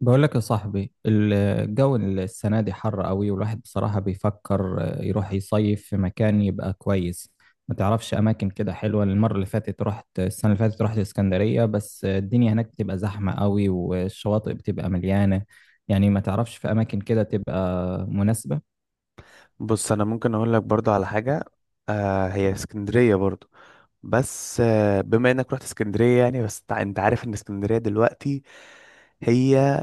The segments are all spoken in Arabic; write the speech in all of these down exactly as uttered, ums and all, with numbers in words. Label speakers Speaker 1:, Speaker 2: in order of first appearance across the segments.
Speaker 1: بقول لك يا صاحبي، الجو السنة دي حر قوي، والواحد بصراحة بيفكر يروح يصيف في مكان يبقى كويس. ما تعرفش أماكن كده حلوة؟ المرة اللي فاتت رحت السنة اللي فاتت رحت اسكندرية، بس الدنيا هناك بتبقى زحمة قوي والشواطئ بتبقى مليانة. يعني ما تعرفش في أماكن كده تبقى مناسبة؟
Speaker 2: بص انا ممكن اقول لك برضو على حاجه. آه، هي اسكندريه برضو، بس آه بما انك رحت اسكندريه، يعني بس تع- انت عارف ان اسكندريه دلوقتي هي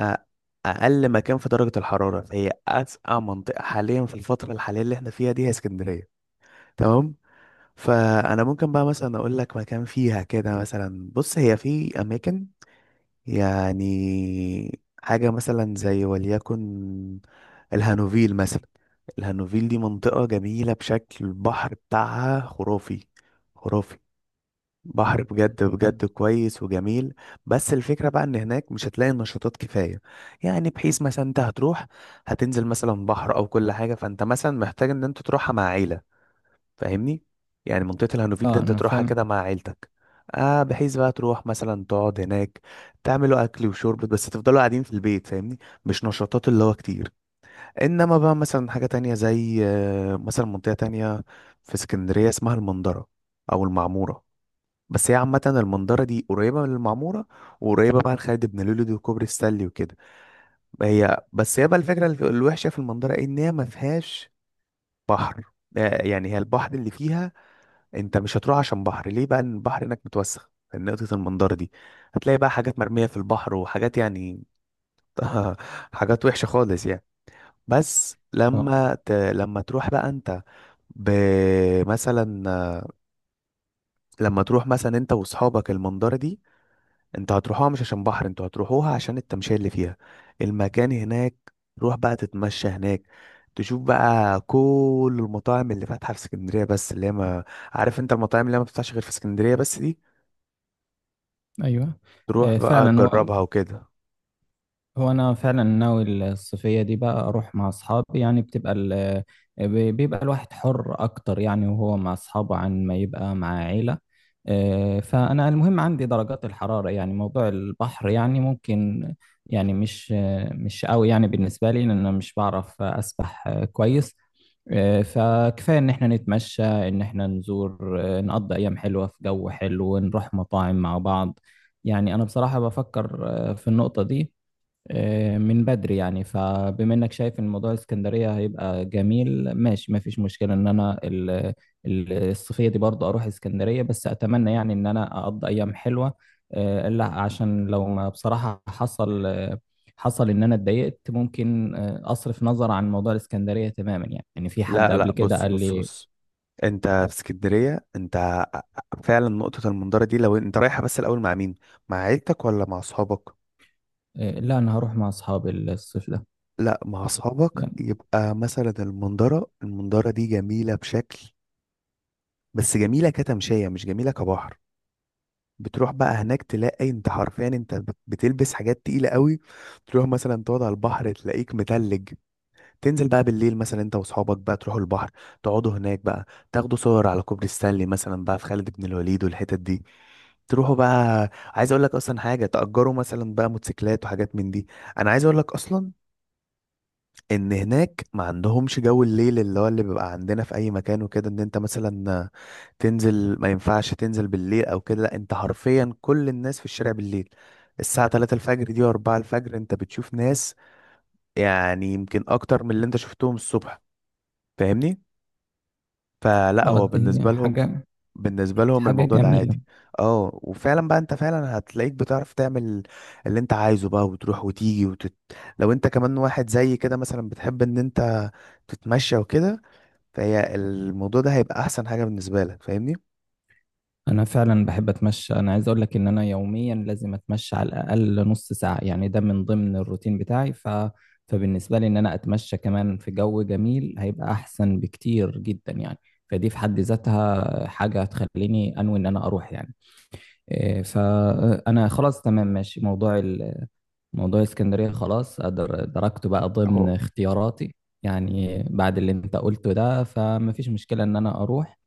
Speaker 2: آه اقل مكان في درجه الحراره، فهي اسقع منطقه حاليا في الفتره الحاليه اللي احنا فيها دي، هي اسكندريه. تمام. فانا ممكن بقى مثلا اقول لك مكان فيها كده. مثلا بص، هي في اماكن، يعني حاجة مثلا زي وليكن الهانوفيل مثلا. الهانوفيل دي منطقة جميلة بشكل، البحر بتاعها خرافي، خرافي. بحر بجد
Speaker 1: أنا-
Speaker 2: بجد كويس وجميل. بس الفكرة بقى ان هناك مش هتلاقي نشاطات كفاية. يعني بحيث مثلا انت هتروح، هتنزل مثلا بحر او كل حاجة، فانت مثلا محتاج ان انت تروحها مع عيلة، فاهمني؟ يعني منطقة الهانوفيل ده
Speaker 1: اه،
Speaker 2: انت
Speaker 1: أنا
Speaker 2: تروحها
Speaker 1: فعلا.
Speaker 2: كده مع عيلتك، آه بحيث بقى تروح مثلا تقعد هناك، تعملوا اكل وشرب بس، تفضلوا قاعدين في البيت، فاهمني؟ مش نشاطات اللي هو كتير. انما بقى مثلا حاجة تانية زي آه، مثلا منطقة تانية في اسكندرية اسمها المنظرة او المعمورة. بس هي عامة المنظرة دي قريبة من المعمورة، وقريبة بقى لخالد بن لوليد وكوبري السلي وكده. هي بس هي بقى الفكرة الف- الوحشة في المنظرة ان هي ما فيهاش بحر. آه، يعني هي البحر اللي فيها انت مش هتروح عشان بحر ليه بقى، لأن البحر هناك متوسخ من نقطة المنظرة دي. هتلاقي بقى حاجات مرمية في البحر وحاجات، يعني حاجات وحشة خالص يعني. بس
Speaker 1: اه،
Speaker 2: لما ت... لما تروح بقى انت، ب... مثلا لما تروح مثلا انت واصحابك المنظرة دي، انت هتروحوها مش عشان بحر، انتوا هتروحوها عشان التمشية اللي فيها، المكان هناك. روح بقى تتمشى هناك، تشوف بقى كل المطاعم اللي فاتحة في اسكندرية بس، اللي هي ما، عارف انت المطاعم اللي هي ما بتفتحش غير في اسكندرية بس دي،
Speaker 1: أيوه.
Speaker 2: تروح
Speaker 1: آه،
Speaker 2: بقى
Speaker 1: فعلا. هو
Speaker 2: تجربها وكده.
Speaker 1: هو انا فعلا ناوي الصيفيه دي، بقى اروح مع اصحابي يعني. بتبقى ال... بيبقى الواحد حر اكتر يعني وهو مع اصحابه عن ما يبقى مع عيله. آه، فانا المهم عندي درجات الحراره، يعني موضوع البحر يعني ممكن، يعني مش مش قوي يعني بالنسبه لي، لان انا مش بعرف اسبح كويس. آه، فكفايه ان احنا نتمشى، ان احنا نزور، آه، نقضي ايام حلوه في جو حلو ونروح مطاعم مع بعض. يعني انا بصراحه بفكر آه، في النقطه دي آه، من بدري يعني. فبما انك شايف ان موضوع الاسكندريه هيبقى جميل، ماشي، ما فيش مشكله ان انا ال- ال- الصيفيه دي برضه اروح اسكندريه، بس اتمنى يعني ان انا اقضي ايام حلوه. آه، الا عشان لو ما بصراحه حصل، آه، حصل ان انا اتضايقت، ممكن آه، اصرف نظر عن موضوع الاسكندريه تماما يعني. يعني في حد
Speaker 2: لا
Speaker 1: قبل
Speaker 2: لا،
Speaker 1: كده
Speaker 2: بص
Speaker 1: قال
Speaker 2: بص
Speaker 1: لي.
Speaker 2: بص. انت في اسكندرية، انت فعلا نقطة المنظرة دي لو انت رايحة، بس الأول مع مين، مع عيلتك ولا مع أصحابك؟
Speaker 1: آه، لا، انا هروح مع اصحابي الصيف ده
Speaker 2: لا مع أصحابك
Speaker 1: يعني.
Speaker 2: يبقى مثلا المنظرة المنظرة دي جميلة بشكل، بس جميلة كتمشية مش جميلة كبحر. بتروح بقى هناك تلاقي انت حرفيا انت بت- بتلبس حاجات تقيلة قوي. تروح مثلا تقعد على البحر تلاقيك متلج. تنزل بقى بالليل مثلا انت واصحابك بقى، تروحوا البحر، تقعدوا هناك بقى، تاخدوا صور على كوبري ستانلي مثلا بقى، في خالد بن الوليد والحتت دي. تروحوا بقى، عايز اقول لك اصلا حاجه، تأجروا مثلا بقى موتوسيكلات وحاجات من دي. انا عايز اقول لك اصلا ان هناك ما عندهمش جو الليل اللي هو اللي بيبقى عندنا في اي مكان وكده، ان انت مثلا تنزل ما ينفعش تنزل بالليل او كده. لا، انت حرفيا كل الناس في الشارع بالليل، الساعة ثلاثة الفجر دي و4 الفجر انت بتشوف ناس يعني يمكن اكتر من اللي انت شفتهم الصبح، فاهمني؟ فلا هو
Speaker 1: اه، دي
Speaker 2: بالنسبة لهم،
Speaker 1: حاجه،
Speaker 2: بالنسبة لهم
Speaker 1: حاجه
Speaker 2: الموضوع ده
Speaker 1: جميله.
Speaker 2: عادي. اه، وفعلا بقى انت فعلا هتلاقيك بتعرف تعمل اللي انت عايزه بقى، وتروح وتيجي وتت... لو انت كمان واحد زي كده مثلا بتحب ان انت تتمشى وكده، فهي الموضوع ده هيبقى احسن حاجة بالنسبة لك، فاهمني؟
Speaker 1: انا فعلا بحب اتمشى، انا عايز اقول لك ان انا يوميا لازم اتمشى على الاقل نص ساعة يعني، ده من ضمن الروتين بتاعي. ف... فبالنسبة لي ان انا اتمشى كمان في جو جميل، هيبقى احسن بكتير جدا يعني. فدي في حد ذاتها حاجة هتخليني انوي ان انا اروح يعني. إيه، فانا خلاص، تمام، ماشي، موضوع ال... موضوع اسكندرية خلاص، أدر... دركته بقى ضمن
Speaker 2: اهو.
Speaker 1: اختياراتي. يعني بعد اللي انت قلته ده، فمفيش مشكلة ان انا اروح.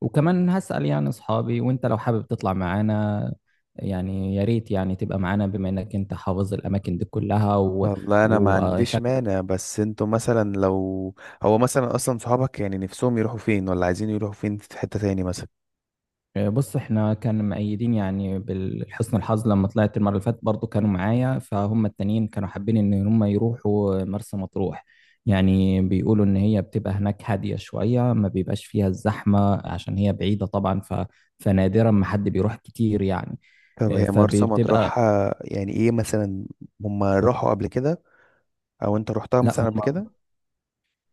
Speaker 1: وكمان هسأل يعني أصحابي، وأنت لو حابب تطلع معانا، يعني يا ريت يعني تبقى معانا، بما إنك أنت حافظ الأماكن دي كلها و...
Speaker 2: والله انا ما عنديش
Speaker 1: وشكلك.
Speaker 2: مانع، بس انتوا مثلا لو، هو مثلا اصلا صحابك يعني نفسهم يروحوا فين، ولا عايزين يروحوا فين في حتة تاني مثلا.
Speaker 1: بص، إحنا كانوا مؤيدين يعني بالحسن الحظ، لما طلعت المرة اللي فاتت برضو كانوا معايا. فهم التانيين كانوا حابين إن هم يروحوا مرسى مطروح، يعني بيقولوا إن هي بتبقى هناك هادية شوية، ما بيبقاش فيها الزحمة عشان هي بعيدة طبعا. ف... فنادرا ما حد بيروح كتير يعني.
Speaker 2: طب
Speaker 1: آه،
Speaker 2: هي مرسى
Speaker 1: فبتبقى.
Speaker 2: مطروح آه، يعني ايه مثلا؟ هم راحوا قبل كده، او انت رحتها
Speaker 1: لا،
Speaker 2: مثلا
Speaker 1: هم.
Speaker 2: قبل كده؟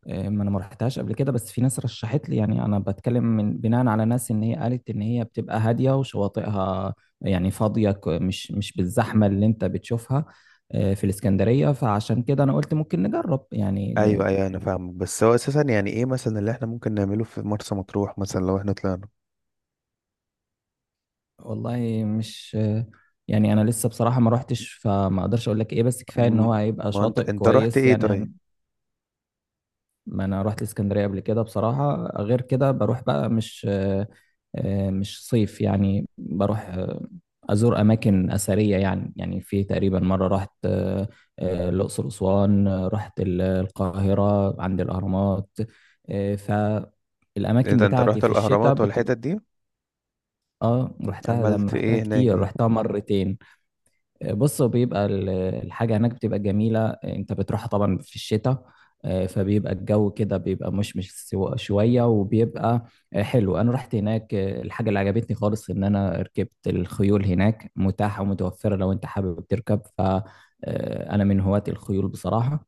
Speaker 1: آه، ما انا ما رحتهاش قبل كده، بس في ناس رشحت لي يعني، انا بتكلم من بناء على ناس ان هي قالت ان هي بتبقى هاديه وشواطئها يعني فاضيه، ك- مش مش بالزحمه اللي انت بتشوفها آه، في الاسكندريه. فعشان كده انا قلت ممكن نجرب يعني.
Speaker 2: ايوه ايوه، انا فاهمك، بس هو اساسا يعني ايه مثلا اللي احنا ممكن نعمله في مرسى مطروح مثلا لو احنا طلعنا؟
Speaker 1: والله مش، يعني انا لسه بصراحه ما رحتش، فما اقدرش اقول لك ايه، بس كفايه ان هو
Speaker 2: أم،
Speaker 1: هيبقى
Speaker 2: ما انت
Speaker 1: شاطئ
Speaker 2: انت رحت
Speaker 1: كويس
Speaker 2: ايه
Speaker 1: يعني.
Speaker 2: طيب؟
Speaker 1: ما انا رحت الاسكندريه قبل كده بصراحه. غير كده بروح بقى، مش آه، آه، مش صيف يعني، بروح آه، ازور اماكن اثريه يعني. يعني في تقريبا مره رحت آه، آه، الاقصر واسوان. آه، رحت ال- القاهره عند الاهرامات. آه،
Speaker 2: ايه
Speaker 1: فالاماكن
Speaker 2: ده، انت
Speaker 1: بتاعتي
Speaker 2: رحت
Speaker 1: في الشتاء
Speaker 2: الاهرامات
Speaker 1: بتبقى.
Speaker 2: والحتت دي؟
Speaker 1: اه رحتها، ده
Speaker 2: عملت
Speaker 1: رحتها
Speaker 2: ايه هناك
Speaker 1: كتير،
Speaker 2: دي؟
Speaker 1: رحتها مرتين. بص هو بيبقى ال- الحاجة هناك بتبقى جميلة، انت بتروحها طبعا في الشتاء. آه، فبيبقى الجو كده بيبقى مشمش سو- شوية، وبيبقى آه، حلو. انا رحت هناك، آه، الحاجة اللي عجبتني خالص ان انا ركبت الخيول، هناك متاحة ومتوفرة لو انت حابب تركب، فانا من هواة الخيول بصراحة.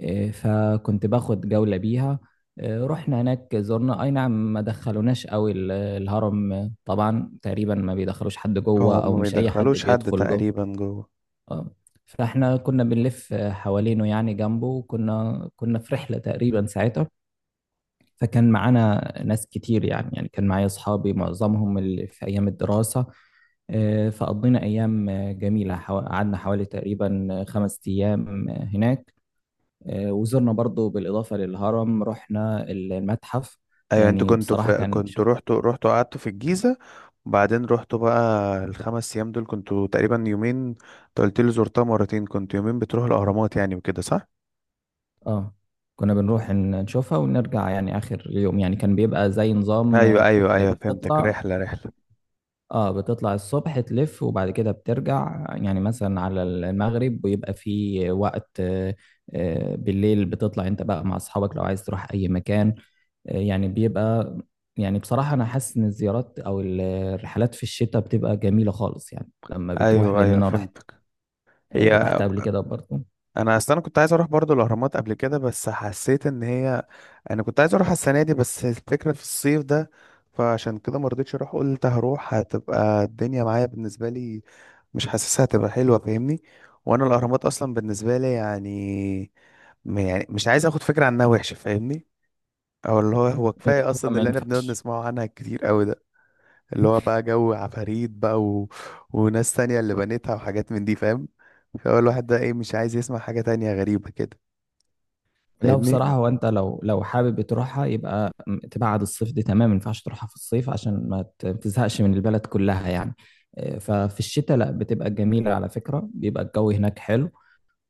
Speaker 1: آه، فكنت باخد جولة بيها. آه، رحنا هناك، زرنا، اي نعم، ما دخلوناش قوي ال- الهرم. آه، طبعا تقريبا ما بيدخلوش حد جوه،
Speaker 2: هو
Speaker 1: او
Speaker 2: ما
Speaker 1: مش اي حد
Speaker 2: بيدخلوش حد
Speaker 1: بيدخل جوه.
Speaker 2: تقريبا جوه.
Speaker 1: اه، فاحنا كنا بنلف حوالينه يعني جنبه، وكنا كنا في رحلة تقريبا ساعتها. فكان معانا ناس كتير يعني، يعني كان معايا اصحابي معظمهم اللي في ايام الدراسة. آه، فقضينا ايام آه، جميلة، حوا- قعدنا حوالي تقريبا آه، خمس ايام آه، هناك. آه، وزرنا برضو بالاضافة للهرم رحنا المتحف.
Speaker 2: ايوه، انتوا
Speaker 1: يعني
Speaker 2: كنتوا
Speaker 1: بصراحة
Speaker 2: في
Speaker 1: كان شوف،
Speaker 2: كنتوا رحتوا رحتوا قعدتوا في الجيزه، وبعدين رحتوا بقى؟ الخمس ايام دول كنتوا تقريبا يومين، انت قلت لي زرتها مرتين، كنت يومين بتروح الاهرامات يعني وكده، صح؟
Speaker 1: اه كنا بنروح ن- نشوفها ونرجع، يعني اخر اليوم يعني كان بيبقى زي نظام
Speaker 2: ايوه
Speaker 1: آه،
Speaker 2: ايوه ايوه، فهمتك،
Speaker 1: بتطلع.
Speaker 2: رحله رحله.
Speaker 1: اه بتطلع الصبح، تلف، وبعد كده بترجع يعني مثلا على المغرب، ويبقى في وقت آه، آه، بالليل بتطلع انت بقى مع اصحابك لو عايز تروح اي مكان. آه، يعني بيبقى. يعني بصراحة انا حاسس ان الزيارات او ال- الرحلات في الشتاء بتبقى جميلة خالص يعني، لما بتروح،
Speaker 2: ايوه
Speaker 1: لان
Speaker 2: ايوه،
Speaker 1: انا رحت،
Speaker 2: فهمت.
Speaker 1: آه،
Speaker 2: هي
Speaker 1: رحت قبل كده برضه.
Speaker 2: انا اصل انا كنت عايز اروح برضو الاهرامات قبل كده، بس حسيت ان هي، انا كنت عايز اروح السنه دي، بس الفكره في الصيف ده، فعشان كده ما رضيتش اروح، قلت هروح هتبقى الدنيا معايا بالنسبه لي مش حاسسها هتبقى حلوه، فاهمني؟ وانا الاهرامات اصلا بالنسبه لي يعني، م- يعني مش عايز اخد فكره عنها وحشه، فاهمني؟ او اللي هو هو
Speaker 1: آه،
Speaker 2: كفايه
Speaker 1: هو
Speaker 2: اصلا
Speaker 1: ما
Speaker 2: اللي احنا بنقعد
Speaker 1: ينفعش.
Speaker 2: نسمعه عنها كتير قوي ده، اللي هو بقى جو عفاريت بقى و... وناس تانية اللي بنتها وحاجات من دي، فاهم؟ فهو الواحد ده ايه، مش عايز يسمع حاجة تانية غريبة كده،
Speaker 1: لا بصراحة،
Speaker 2: فاهمني؟
Speaker 1: هو أنت لو لو حابب تروحها، يبقى م- تبعد الصيف دي، تمام، ما ينفعش تروحها في الصيف عشان ما ت- تزهقش من البلد كلها يعني. آه، ففي الشتاء لا، بتبقى جميلة على فكرة، بيبقى الجو هناك حلو.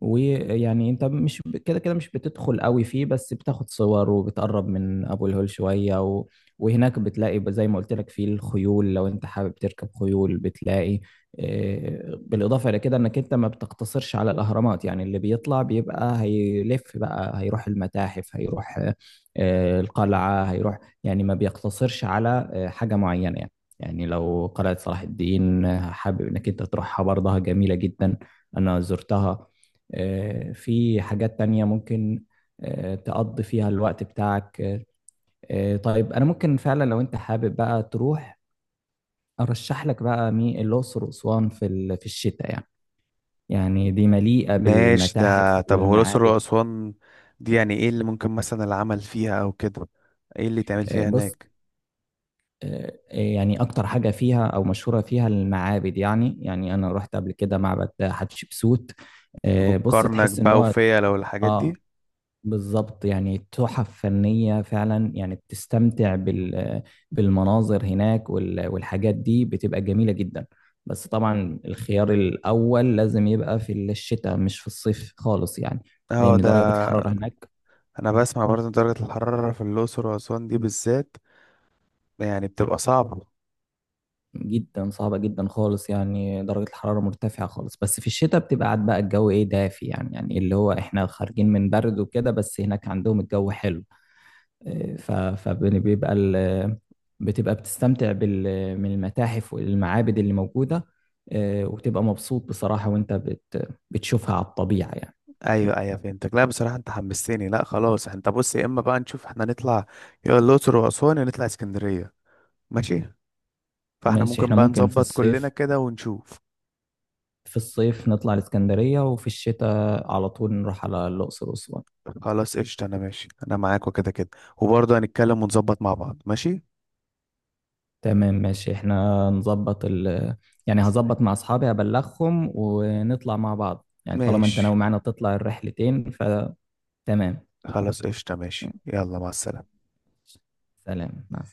Speaker 1: ويعني انت مش ب- كده كده مش بتدخل قوي فيه، بس بتاخد صور وبتقرب من ابو الهول شوية و... وهناك بتلاقي ب- زي ما قلت لك فيه الخيول، لو انت حابب تركب خيول بتلاقي. آه، بالاضافة الى كده، انك انت ما بتقتصرش على الاهرامات يعني، اللي بيطلع بيبقى هيلف بقى، هيروح المتاحف، هيروح آه، القلعة، هيروح، يعني ما بيقتصرش على آه، حاجة معينة يعني. يعني لو قلعة صلاح الدين آه، حابب انك انت تروحها، برضها جميلة جدا، انا زرتها. آه، في حاجات تانية ممكن آه، تقضي فيها الوقت بتاعك. آه، آه، طيب، أنا ممكن فعلا لو أنت حابب بقى تروح، أرشح لك بقى مي الأقصر وأسوان في ال- في الشتاء يعني، يعني دي مليئة
Speaker 2: ماشي ده.
Speaker 1: بالمتاحف
Speaker 2: طب هو الأقصر
Speaker 1: والمعابد.
Speaker 2: وأسوان دي يعني ايه اللي ممكن مثلا العمل فيها او كده؟ ايه اللي تعمل
Speaker 1: آه،
Speaker 2: فيها
Speaker 1: بص،
Speaker 2: هناك؟
Speaker 1: آه، آه، يعني أكتر حاجة فيها أو مشهورة فيها المعابد، يعني يعني أنا رحت قبل كده معبد حتشبسوت. آه، بص،
Speaker 2: والكرنك
Speaker 1: تحس إن
Speaker 2: بقى
Speaker 1: هو،
Speaker 2: وفيا لو الحاجات دي؟
Speaker 1: اه بالظبط، يعني تحف فنية فعلا، يعني بتستمتع بال، بالمناظر هناك وال- والحاجات دي بتبقى جميلة جدا. بس طبعا الخيار الأول لازم يبقى في الشتاء، مش في الصيف خالص يعني،
Speaker 2: اه
Speaker 1: لأن درجة
Speaker 2: ده.
Speaker 1: الحرارة هناك
Speaker 2: انا بسمع برضه درجة الحرارة في الأقصر وأسوان دي بالذات، يعني بتبقى صعبة.
Speaker 1: جدا صعبة جدا خالص يعني. درجة الحرارة مرتفعة خالص، بس في الشتاء بتبقى قاعد بقى، الجو إيه دافي يعني، يعني اللي هو إحنا خارجين من برد وكده، بس هناك عندهم الجو حلو. ف- فبيبقى ال- بتبقى بتستمتع بال، من المتاحف والمعابد اللي موجودة. آه، وبتبقى مبسوط بصراحة وانت بت بتشوفها على الطبيعة يعني.
Speaker 2: ايوه ايوه، فهمتك. لا بصراحه انت حمستني. لا خلاص، انت بص، يا اما بقى نشوف احنا نطلع يا الاقصر واسوان، يا نطلع اسكندريه. ماشي، فاحنا
Speaker 1: ماشي،
Speaker 2: ممكن
Speaker 1: احنا
Speaker 2: بقى
Speaker 1: ممكن في
Speaker 2: نظبط كلنا
Speaker 1: الصيف،
Speaker 2: كده ونشوف.
Speaker 1: في الصيف نطلع الإسكندرية، وفي الشتاء على طول نروح على الأقصر وأسوان.
Speaker 2: خلاص قشطه، انا ماشي، انا معاك وكده كده، وبرضه هنتكلم ونظبط مع بعض، ماشي؟
Speaker 1: تمام، ماشي، احنا نظبط ال، يعني هظبط مع أصحابي أبلغهم ونطلع مع بعض يعني، طالما انت
Speaker 2: ماشي،
Speaker 1: ناوي معانا تطلع الرحلتين فتمام.
Speaker 2: خلاص قشطه، ماشي، يلا مع السلامه.
Speaker 1: سلام مع